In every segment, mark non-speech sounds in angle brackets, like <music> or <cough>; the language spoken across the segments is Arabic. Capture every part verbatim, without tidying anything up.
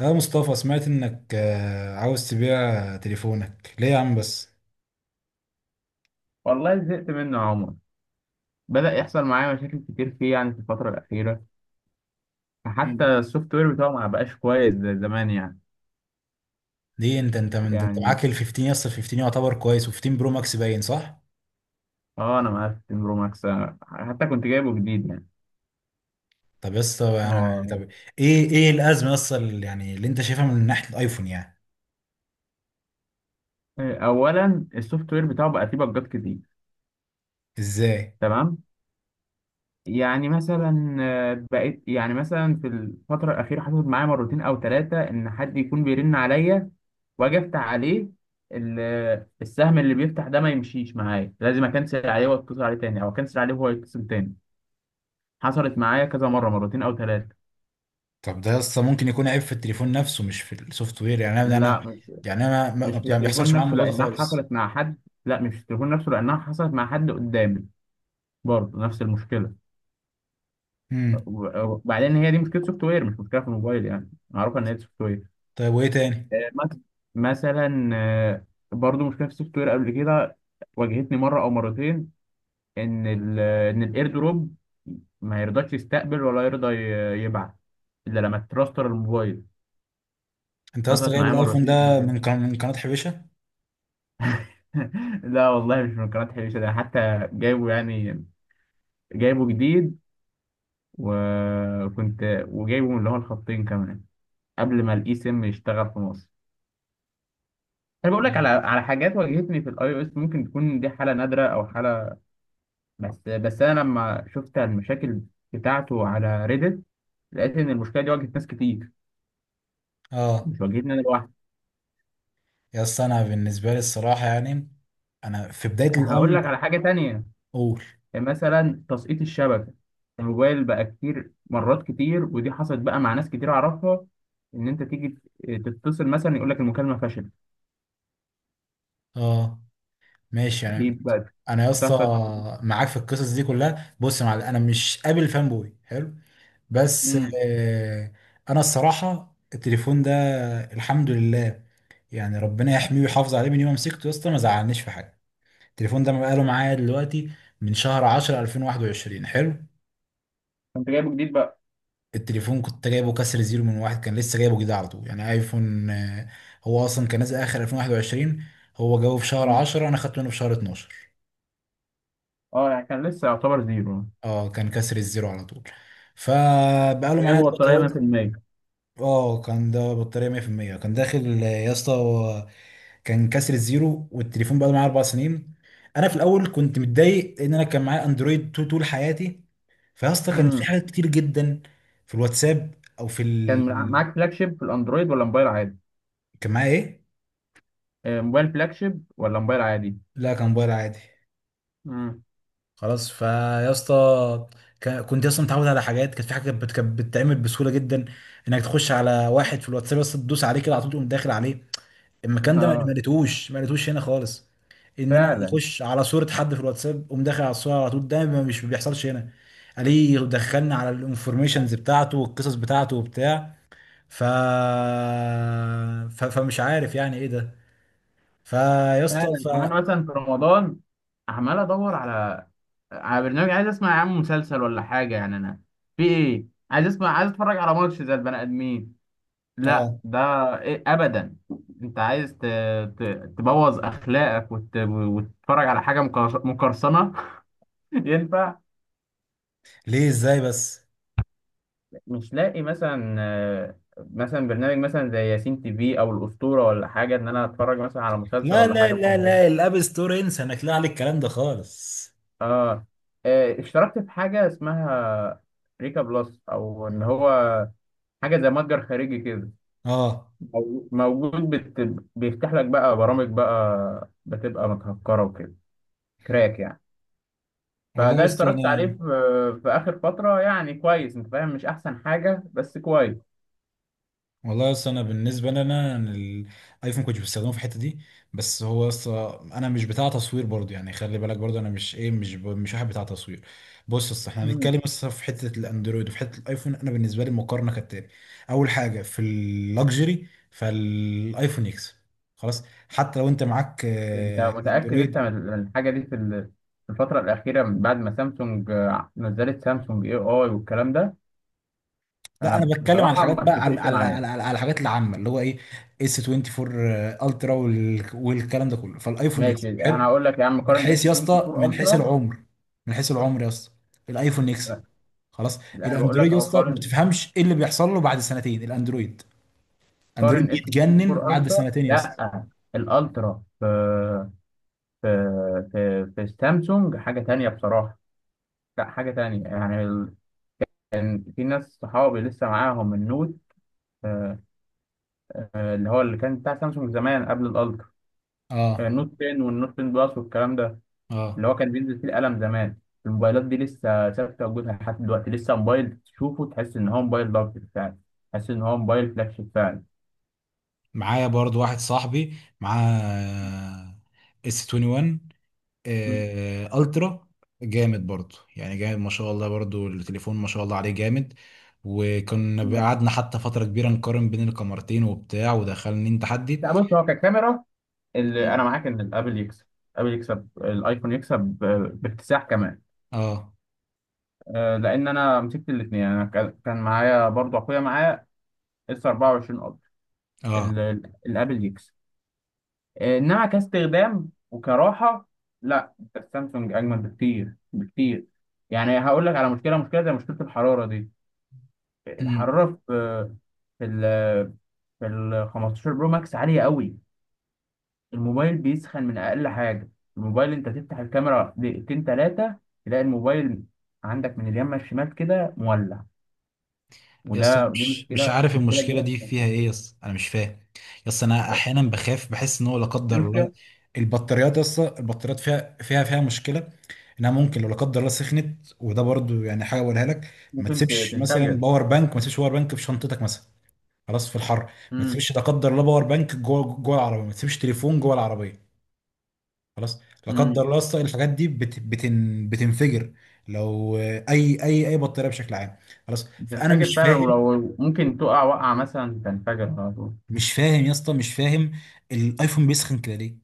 يا مصطفى، سمعت انك آه، عاوز تبيع تليفونك ليه يا عم؟ بس والله زهقت منه يا عمر. بدأ يحصل معايا مشاكل كتير فيه، يعني في الفترة الأخيرة. فحتى مم. السوفت وير بتاعه ما بقاش كويس زي زمان يعني ليه؟ انت انت من ده، انت يعني معاك ال خمسة عشر يا اسطى، ال خمسة عشر يعتبر كويس، و15 برو ماكس باين، صح؟ اه، أنا مقفل برو ماكس، آه، حتى كنت جايبه جديد يعني. طب يا اسطى، أنا- يعني هو. طب، ايه ايه الازمه يا اسطى اللي- يعني اللي انت شايفها من ناحيه الايفون يعني؟ أولا السوفت وير بتاعه بقى فيه بجات كتير. ازاي؟ تمام. يعني مثلا، آه، بقيت يعني مثلا في الفترة الأخيرة حصلت معايا مرتين أو ثلاثة إن حد يكون بيرن عليا، واجي افتح عليه، ال- السهم اللي بيفتح ده ما يمشيش معايا، لازم اكنسل عليه واتصل عليه تاني او اكنسل عليه وهو يتصل تاني. حصلت معايا كذا مره، مرتين او ثلاثه. طب ده يا اسطى ممكن يكون عيب في التليفون نفسه، مش في السوفت وير. يعني انا لا انا مش يعني انا ما ما- مش يعني في ما التليفون بيحصلش معايا نفسه الموضوع ده لانها خالص. حصلت مع حد. لا مش في التليفون نفسه لانها حصلت مع حد قدامي، برضه نفس المشكله. امم. و- وبعدين هي دي مشكله سوفت وير، مش مشكله في الموبايل، يعني معروفه ان هي سوفت وير. طيب وايه تاني؟ آه، مث- مثلا آه، برضه مشكله في السوفت وير قبل كده، واجهتني مره او مرتين. ان ال ان الايردروب ما يرضاش يستقبل ولا يرضى ي- يبعت الا لما تراستر الموبايل. انت يا اسطى حصلت جايب معايا الايفون مرتين قبل ده كده. من قناه، من قناه حبيشه؟ <laughs> لا والله، مش من قناة حبيشة، ده حتى جايبه يعني، جايبه جديد. وكنت، وجايبه من اللي هو الخطين كمان قبل ما الاي سيم يشتغل في مصر. انا بقول لك مم. على على حاجات واجهتني في الاي او اس، ممكن تكون دي حالة نادرة او حالة. بس بس انا لما شفت المشاكل بتاعته على ريدت، لقيت ان المشكلة دي واجهت ناس كتير، اه. مش واجهتني انا لوحدي. يا اسطى انا بالنسبه لي الصراحه يعني، انا في بدايه هقول الامر لك على حاجة تانية. اقول مثلا تسقيط الشبكة، الموبايل بقى كتير مرات كتير، ودي حصلت بقى مع ناس كتير أعرفها. إن أنت تيجي تتصل مثلا يقول لك المكالمة فشلت. اه، ماشي. دي يعني بقى انا يا بتحصل. اسطى معاك في القصص دي كلها. بص يا معلم، انا مش قابل فان بوي، حلو؟ بس امم. آه انا الصراحه التليفون ده، الحمد لله، يعني ربنا يحميه ويحافظ عليه، من يوم ما مسكته يا اسطى ما زعلنيش في حاجه. التليفون ده بقاله معايا دلوقتي من شهر عشرة ألفين وواحد وعشرين، حلو. كنت جايبه جديد بقى. التليفون كنت جايبه كسر زيرو من واحد، كان لسه جايبه جديد على طول، يعني ايفون. آه، هو اصلا كان نازل اخر ألفين وواحد وعشرين، هو جابه في شهر مم. عشرة، انا خدته منه في شهر اتناشر. اه يعني كان لسه يعتبر زيرو. اه، كان كسر الزيرو على طول. فبقاله معايا جايبه دلوقتي بطارية اهو. مئة بالمية. اه كان ده بطارية مية في المية كان داخل. آه، يا اسطى هو كان كسر الزيرو، والتليفون بقاله معايا اربع سنين. انا في الاول كنت متضايق، لان انا كان معايا اندرويد طول، طول حياتي. فيا اسطى كان في امم. حاجات كتير جدا في الواتساب، او في كان ال... معاك فلاج شيب في الأندرويد ولا موبايل عادي؟ كان معايا ايه؟ آه، موبايل فلاج شيب ولا موبايل عادي؟ لا كان موبايل عادي. امم. خلاص، فيا اسطى ك- كنت اصلا متعود على حاجات، كانت في حاجه كانت بت- كانت بتتعمل بسهوله جدا، انك تخش على واحد في الواتساب، بس تدوس عليه كده على طول تقوم داخل عليه. المكان ده ما ما اه. لقيتهوش، ما لقيتهوش هنا خالص. ان انا فعلا. اخش على صوره حد في الواتساب، اقوم داخل على الصوره على طول، ده ما- مش ما بيحصلش هنا. عليه دخلنا على الانفورميشنز بتاعته والقصص بتاعته وبتاع، ف... ف... فمش عارف يعني ايه ده. فيا اسطى فعلا ف، يعني، انا مثلا في رمضان عمال ادور على على برنامج، عايز اسمع يا عم مسلسل ولا حاجه، يعني انا في ايه، عايز اسمع، عايز اتفرج على ماتش زي البني ادمين. لا اه. ده إيه ابدا، انت عايز ت... ت... تبوظ اخلاقك وت... وتتفرج على حاجه مكر- مقرصنه. <laughs> ينفع. ليه؟ ازاي بس؟ مش لاقي مثلا، آه، مثلا برنامج مثلا زي ياسين تي في او الاسطوره ولا حاجه، ان انا اتفرج مثلا على مسلسل لا ولا لا حاجه في لا رمضان. لا، الاب ستور انسى، انا اكلها على الكلام ده خالص. اه. آه، اشتركت في حاجة اسمها ريكا بلس او ان هو حاجة زي متجر خارجي كده، اه. مو- موجود، بت... بيفتح لك بقى برامج بقى بتبقى متهكرة وكده، كراك يعني. والله فده اصل اشتركت عليه في, انا في اخر فترة يعني، كويس، انت فاهم، مش احسن حاجة بس كويس. والله اصل انا بالنسبه لي، انا أنا الايفون كنت بستخدمه في الحته دي، بس هو اصل انا مش بتاع تصوير برضو. يعني خلي بالك، برضو انا مش ايه، مش ب... مش واحد بتاع تصوير. بص اصل احنا مم. هنتكلم، اصل في حته الاندرويد وفي حته الايفون، انا بالنسبه لي المقارنه كالتالي. اول حاجه في اللكجري، فالايفون يكسب، خلاص. حتى لو انت معاك انت آه، متأكد انت اندرويد. من الحاجة دي في ال- في الفترة الأخيرة، من بعد ما سامسونج آه، نزلت سامسونج اي اي والكلام ده؟ لا انا انا بتكلم على بصراحة الحاجات ما بقى، على اتفقش على معاه. على, على, على الحاجات العامه اللي هو ايه، اس اربعة وعشرين الترا وال- والكلام ده كله، فالايفون ماشي، اكس انا حلو هقول لك يا عم، من قارن حيث اس يا اسطى، اربعة وعشرين من حيث الترا. العمر، من حيث العمر يا اسطى، الايفون اكس خلاص. لا انا بقول لك الاندرويد يا اهو، اسطى ما قارن، بتفهمش ايه اللي بيحصل له بعد سنتين. الاندرويد، اندرويد قارن اس بيتجنن اربعة وعشرين بعد الترا. سنتين يا اسطى. لا الالترا في في في في سامسونج حاجه تانية بصراحه. لا حاجه تانية، يعني ال... كان في ناس صحابي لسه معاهم النوت، آه، آه، اللي هو اللي كان بتاع سامسونج زمان قبل الالترا، آه، اه، النوت عشرة والنوت عشرة بلس والكلام ده، اه. اللي هو كان بينزل فيه القلم زمان. الموبايلات دي لسه ثابته وجودها لحد دلوقتي، لسه موبايل تشوفه تحس ان هو موبايل ضغط فعلا، تحس ان هو موبايل فلاج شيب فعلا. معايا برضو واحد صاحبي معاه اس واحد وعشرين مم. آه، الترا، جامد برضو، يعني جامد ما شاء الله، برضو التليفون ما شاء الله عليه جامد. وكنا لا. قعدنا حتى فترة كبيرة نقارن بين الكاميرتين وبتاع، ودخلني تحدي. لا بص، هو ككاميرا اللي انا مم. معاك ان الابل يكسب. الابل يكسب، الايفون يكسب ب- باكتساح كمان. اه، أه، لان انا مسكت الاثنين، انا كان كان معايا برضه اخويا، معايا اس اربعة وعشرين الترا. اه. ال- ال- الابل يكسب، آه، انما كاستخدام وكراحه، لا انت السامسونج اجمل بكتير بكتير. يعني هقول لك على مشكله، مشكله زي مشكله الحراره دي. مم. الحراره في آه، في ال في ال خمسة عشر برو ماكس عاليه قوي. الموبايل بيسخن من اقل حاجه. الموبايل انت تفتح الكاميرا دقيقتين ثلاثه تلاقي الموبايل عندك من اليمين للشمال كده مولع. يس، أنا وده دي مش مش مشكله، عارف مشكله المشكلة كبيره في دي فيها السامسونج. ايه، يس انا مش فاهم. يس انا احيانا بخاف، بحس ان هو لا دي قدر الله مشكله، البطاريات، يس البطاريات فيها فيها فيها مشكلة، انها ممكن لو لا قدر الله سخنت. وده برضو يعني حاجة اقولها لك، ما ممكن ت- تسيبش مثلا تنفجر. باور بانك، ما تسيبش باور بانك في شنطتك مثلا، خلاص، في الحر. ما تسيبش لا قدر الله باور بانك جوه، جوه العربيه، ما تسيبش تليفون جوه العربيه، خلاص. لا قدر امم. الله أصلاً الحاجات دي بت بتن بتنفجر لو آه، اي اي اي بطاريه بشكل عام. خلاص، فانا بتنفجر مش فعلا، فاهم. ولو ممكن تقع وقعة مثلا تنفجر على طول. مش فاهم يا اسطى، مش فاهم. الايفون بيسخن كده ليه؟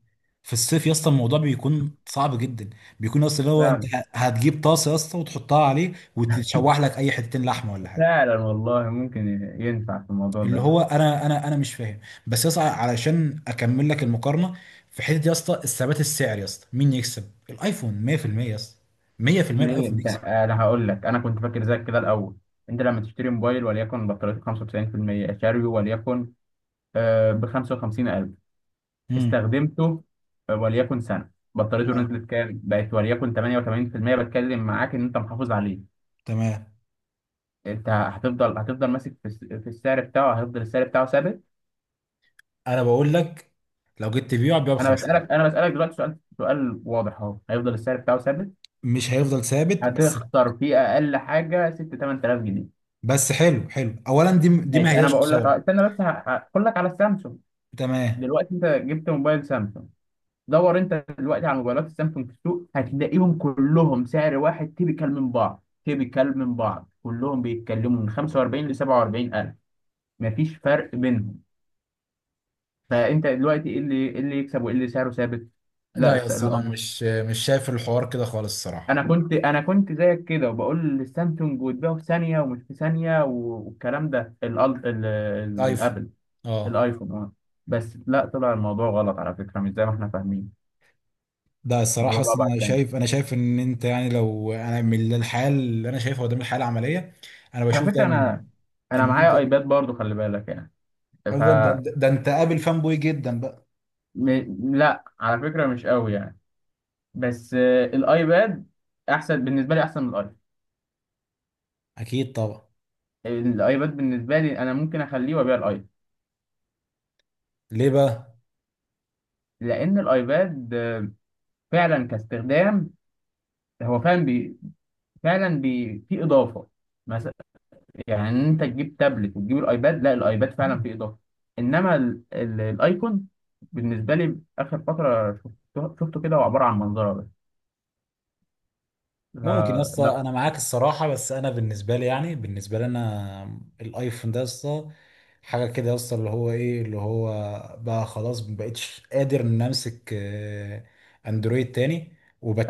في الصيف يا اسطى الموضوع بيكون صعب جدا، بيكون اصلا اللي هو انت فعلا. ه- هتجيب طاسه يا اسطى وتحطها عليه وتشوح لك اي حتتين لحمه ولا حاجه، فعلا والله، ممكن ينفع في الموضوع اللي ده. هو انا انا انا مش فاهم. بس يا اسطى علشان اكمل لك المقارنه، في حته يا اسطى الثبات السعري يا اسطى مين يكسب؟ الايفون مية في المية يا اسطى، مية في المية. ليه الايفون انت، يكسب. انا هقول لك، انا كنت فاكر زيك كده الاول. انت لما تشتري موبايل وليكن بطاريته خمسة وتسعين في المية شاريه، وليكن ب خمسة وخمسين الف، امم. استخدمته آه، وليكن سنة، بطاريته اه، نزلت كام، بقت وليكن ثمانية وثمانين في المية، بتكلم معاك ان انت محافظ عليه. تمام. انت هتفضل هتفضل ماسك في الس- في السعر بتاعه، هيفضل السعر بتاعه ثابت. انا بقول لك، لو جيت تبيعه هتبيعه ب انا خمسين. بسالك انا بسالك دلوقتي سؤال، سؤال واضح اهو، هيفضل السعر بتاعه ثابت؟ مش هيفضل ثابت بس؟ هتخسر فيه اقل حاجه ستة تمنتلاف جنيه. بس حلو، حلو. اولا دي، دي ما ماشي انا هياش بقول لك، أه، خساره. استنى بس، ه- هقول لك على السامسونج. تمام. دلوقتي انت جبت موبايل سامسونج، دور انت دلوقتي على موبايلات السامسونج في السوق، هتلاقيهم كلهم سعر واحد تيبيكال من بعض، تيبيكال من بعض، كلهم بيتكلموا من خمسة واربعين ل سبعة واربعين الف، مفيش فرق بينهم. فانت دلوقتي ايه اللي، إيه اللي يكسب وايه اللي سعره ثابت. لا لا يا الس- اسطى، انا مش مش شايف الحوار كده خالص الصراحه. انا كنت انا كنت زيك كده وبقول السامسونج وتبيعه في ثانيه ومش في ثانيه و- والكلام ده. الأل- ال- ال- ايفون، الابل، اه. الايفون اه. بس لا، طلع الموضوع غلط على فكره، مش زي ما احنا فاهمين. ده الصراحة الموضوع بقى أصلا بعد أنا ثاني. شايف، أنا شايف إن أنت، يعني لو أنا من الحياة اللي أنا شايفها قدام الحياة العملية، أنا على بشوف فكره دايما انا انا إن أنت معايا ايباد برضو، خلي بالك يعني. ف أصلا ده, ده, ده أنت قابل فان بوي جدا بقى. م... لا على فكره مش قوي يعني، بس آه، الايباد احسن بالنسبه لي، احسن من الايفون. أكيد طبعا. الايباد بالنسبه لي انا ممكن اخليه وابيع الايفون. ليه بقى؟ لان الايباد آه، فعلا كاستخدام هو فعلا، فعلا بي... في اضافه مثلا، يعني إن انت تجيب تابلت وتجيب الايباد، لا الايباد فعلا فيه اضافه. انما ال... ال... الايكون بالنسبه لي اخر فتره شفته, شفته كده، هو عباره عن منظره بس. ممكن يا آه اسطى لا، أنا معاك الصراحة، بس أنا بالنسبة لي يعني، بالنسبة لي أنا الأيفون ده يا اسطى حاجة كده يا اسطى، اللي هو إيه، اللي هو بقى خلاص ما بقتش قادر إن أمسك آه، أندرويد تاني،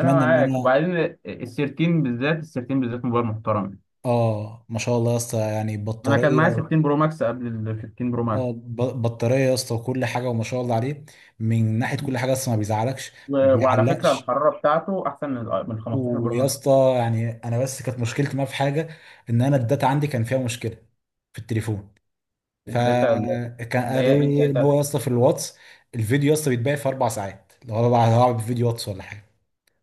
انا إن معاك. أنا، وبعدين ال تلتاشر بالذات، ال تلتاشر بالذات موبايل محترم. آه ما شاء الله يا اسطى، يعني انا كان بطارية. معايا ستة عشر برو ماكس قبل ال خمستاشر برو ماكس. اه، ب- بطاريه يا اسطى وكل حاجه، وما شاء الله عليه. من ناحيه كل حاجه اصلا ما بيزعلكش، و... ما وعلى فكره بيعلقش. الحراره بتاعته احسن من ال من خمستاشر برو ويا ماكس. اسطى يعني انا بس كانت مشكلتي معاه في حاجه، ان انا الداتا عندي كان فيها مشكله في التليفون، الداتا. فكان اللي هي ايه قالوا لي ان هو الداتا؟ يا اسطى في الواتس الفيديو يا اسطى بيتباع في اربع ساعات، لو انا بقى هلعب فيديو واتس ولا حاجه،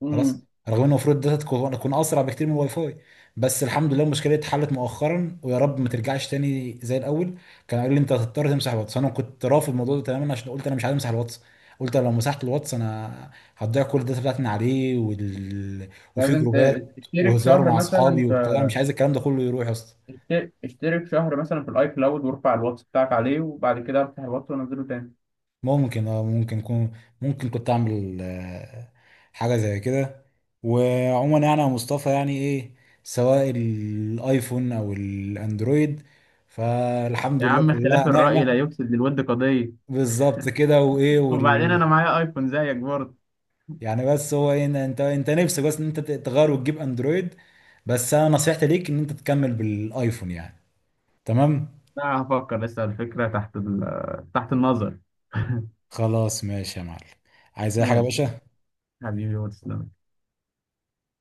امم. خلاص. رغم ان المفروض ده تكون تكون اسرع بكتير من الواي فاي. بس الحمد لله المشكله دي اتحلت مؤخرا، ويا رب ما ترجعش تاني زي الاول. كان قال لي انت هتضطر تمسح الواتس، انا كنت رافض الموضوع ده تماما عشان قلت انا مش عايز امسح الواتس، قلت لو مسحت الواتس انا هتضيع كل الداتا بتاعتي من عليه وال... وفي لازم ت- جروبات تشترك وهزار شهر مع مثلا، اصحابي وبتاع، مش عايز الكلام ده كله يروح يا اسطى. اشت- اشترك شهر مثلا في الاي كلاود وارفع الواتس بتاعك عليه وبعد كده افتح الواتس وانزله تاني. ممكن، اه، ممكن كون، ممكن كنت اعمل آه، حاجه زي كده. وعموما يعني يا مصطفى، يعني ايه، سواء الايفون او الاندرويد، فالحمد يا لله عم، اختلاف كلها الرأي لا نعمه. يفسد للود قضية. بالظبط كده. وايه وبعدين وال، أنا معايا أيفون زيك برضه. يعني بس هو إيه، إن انت، انت نفسك بس ان انت تغير وتجيب اندرويد. بس انا نصيحتي ليك ان انت تكمل بالايفون يعني. تمام، لا هفكر، لسه الفكرة تحت ال... تحت النظر. خلاص ماشي يا معلم. عايز اي حاجه يا ماشي باشا؟ حبيبي واتساب.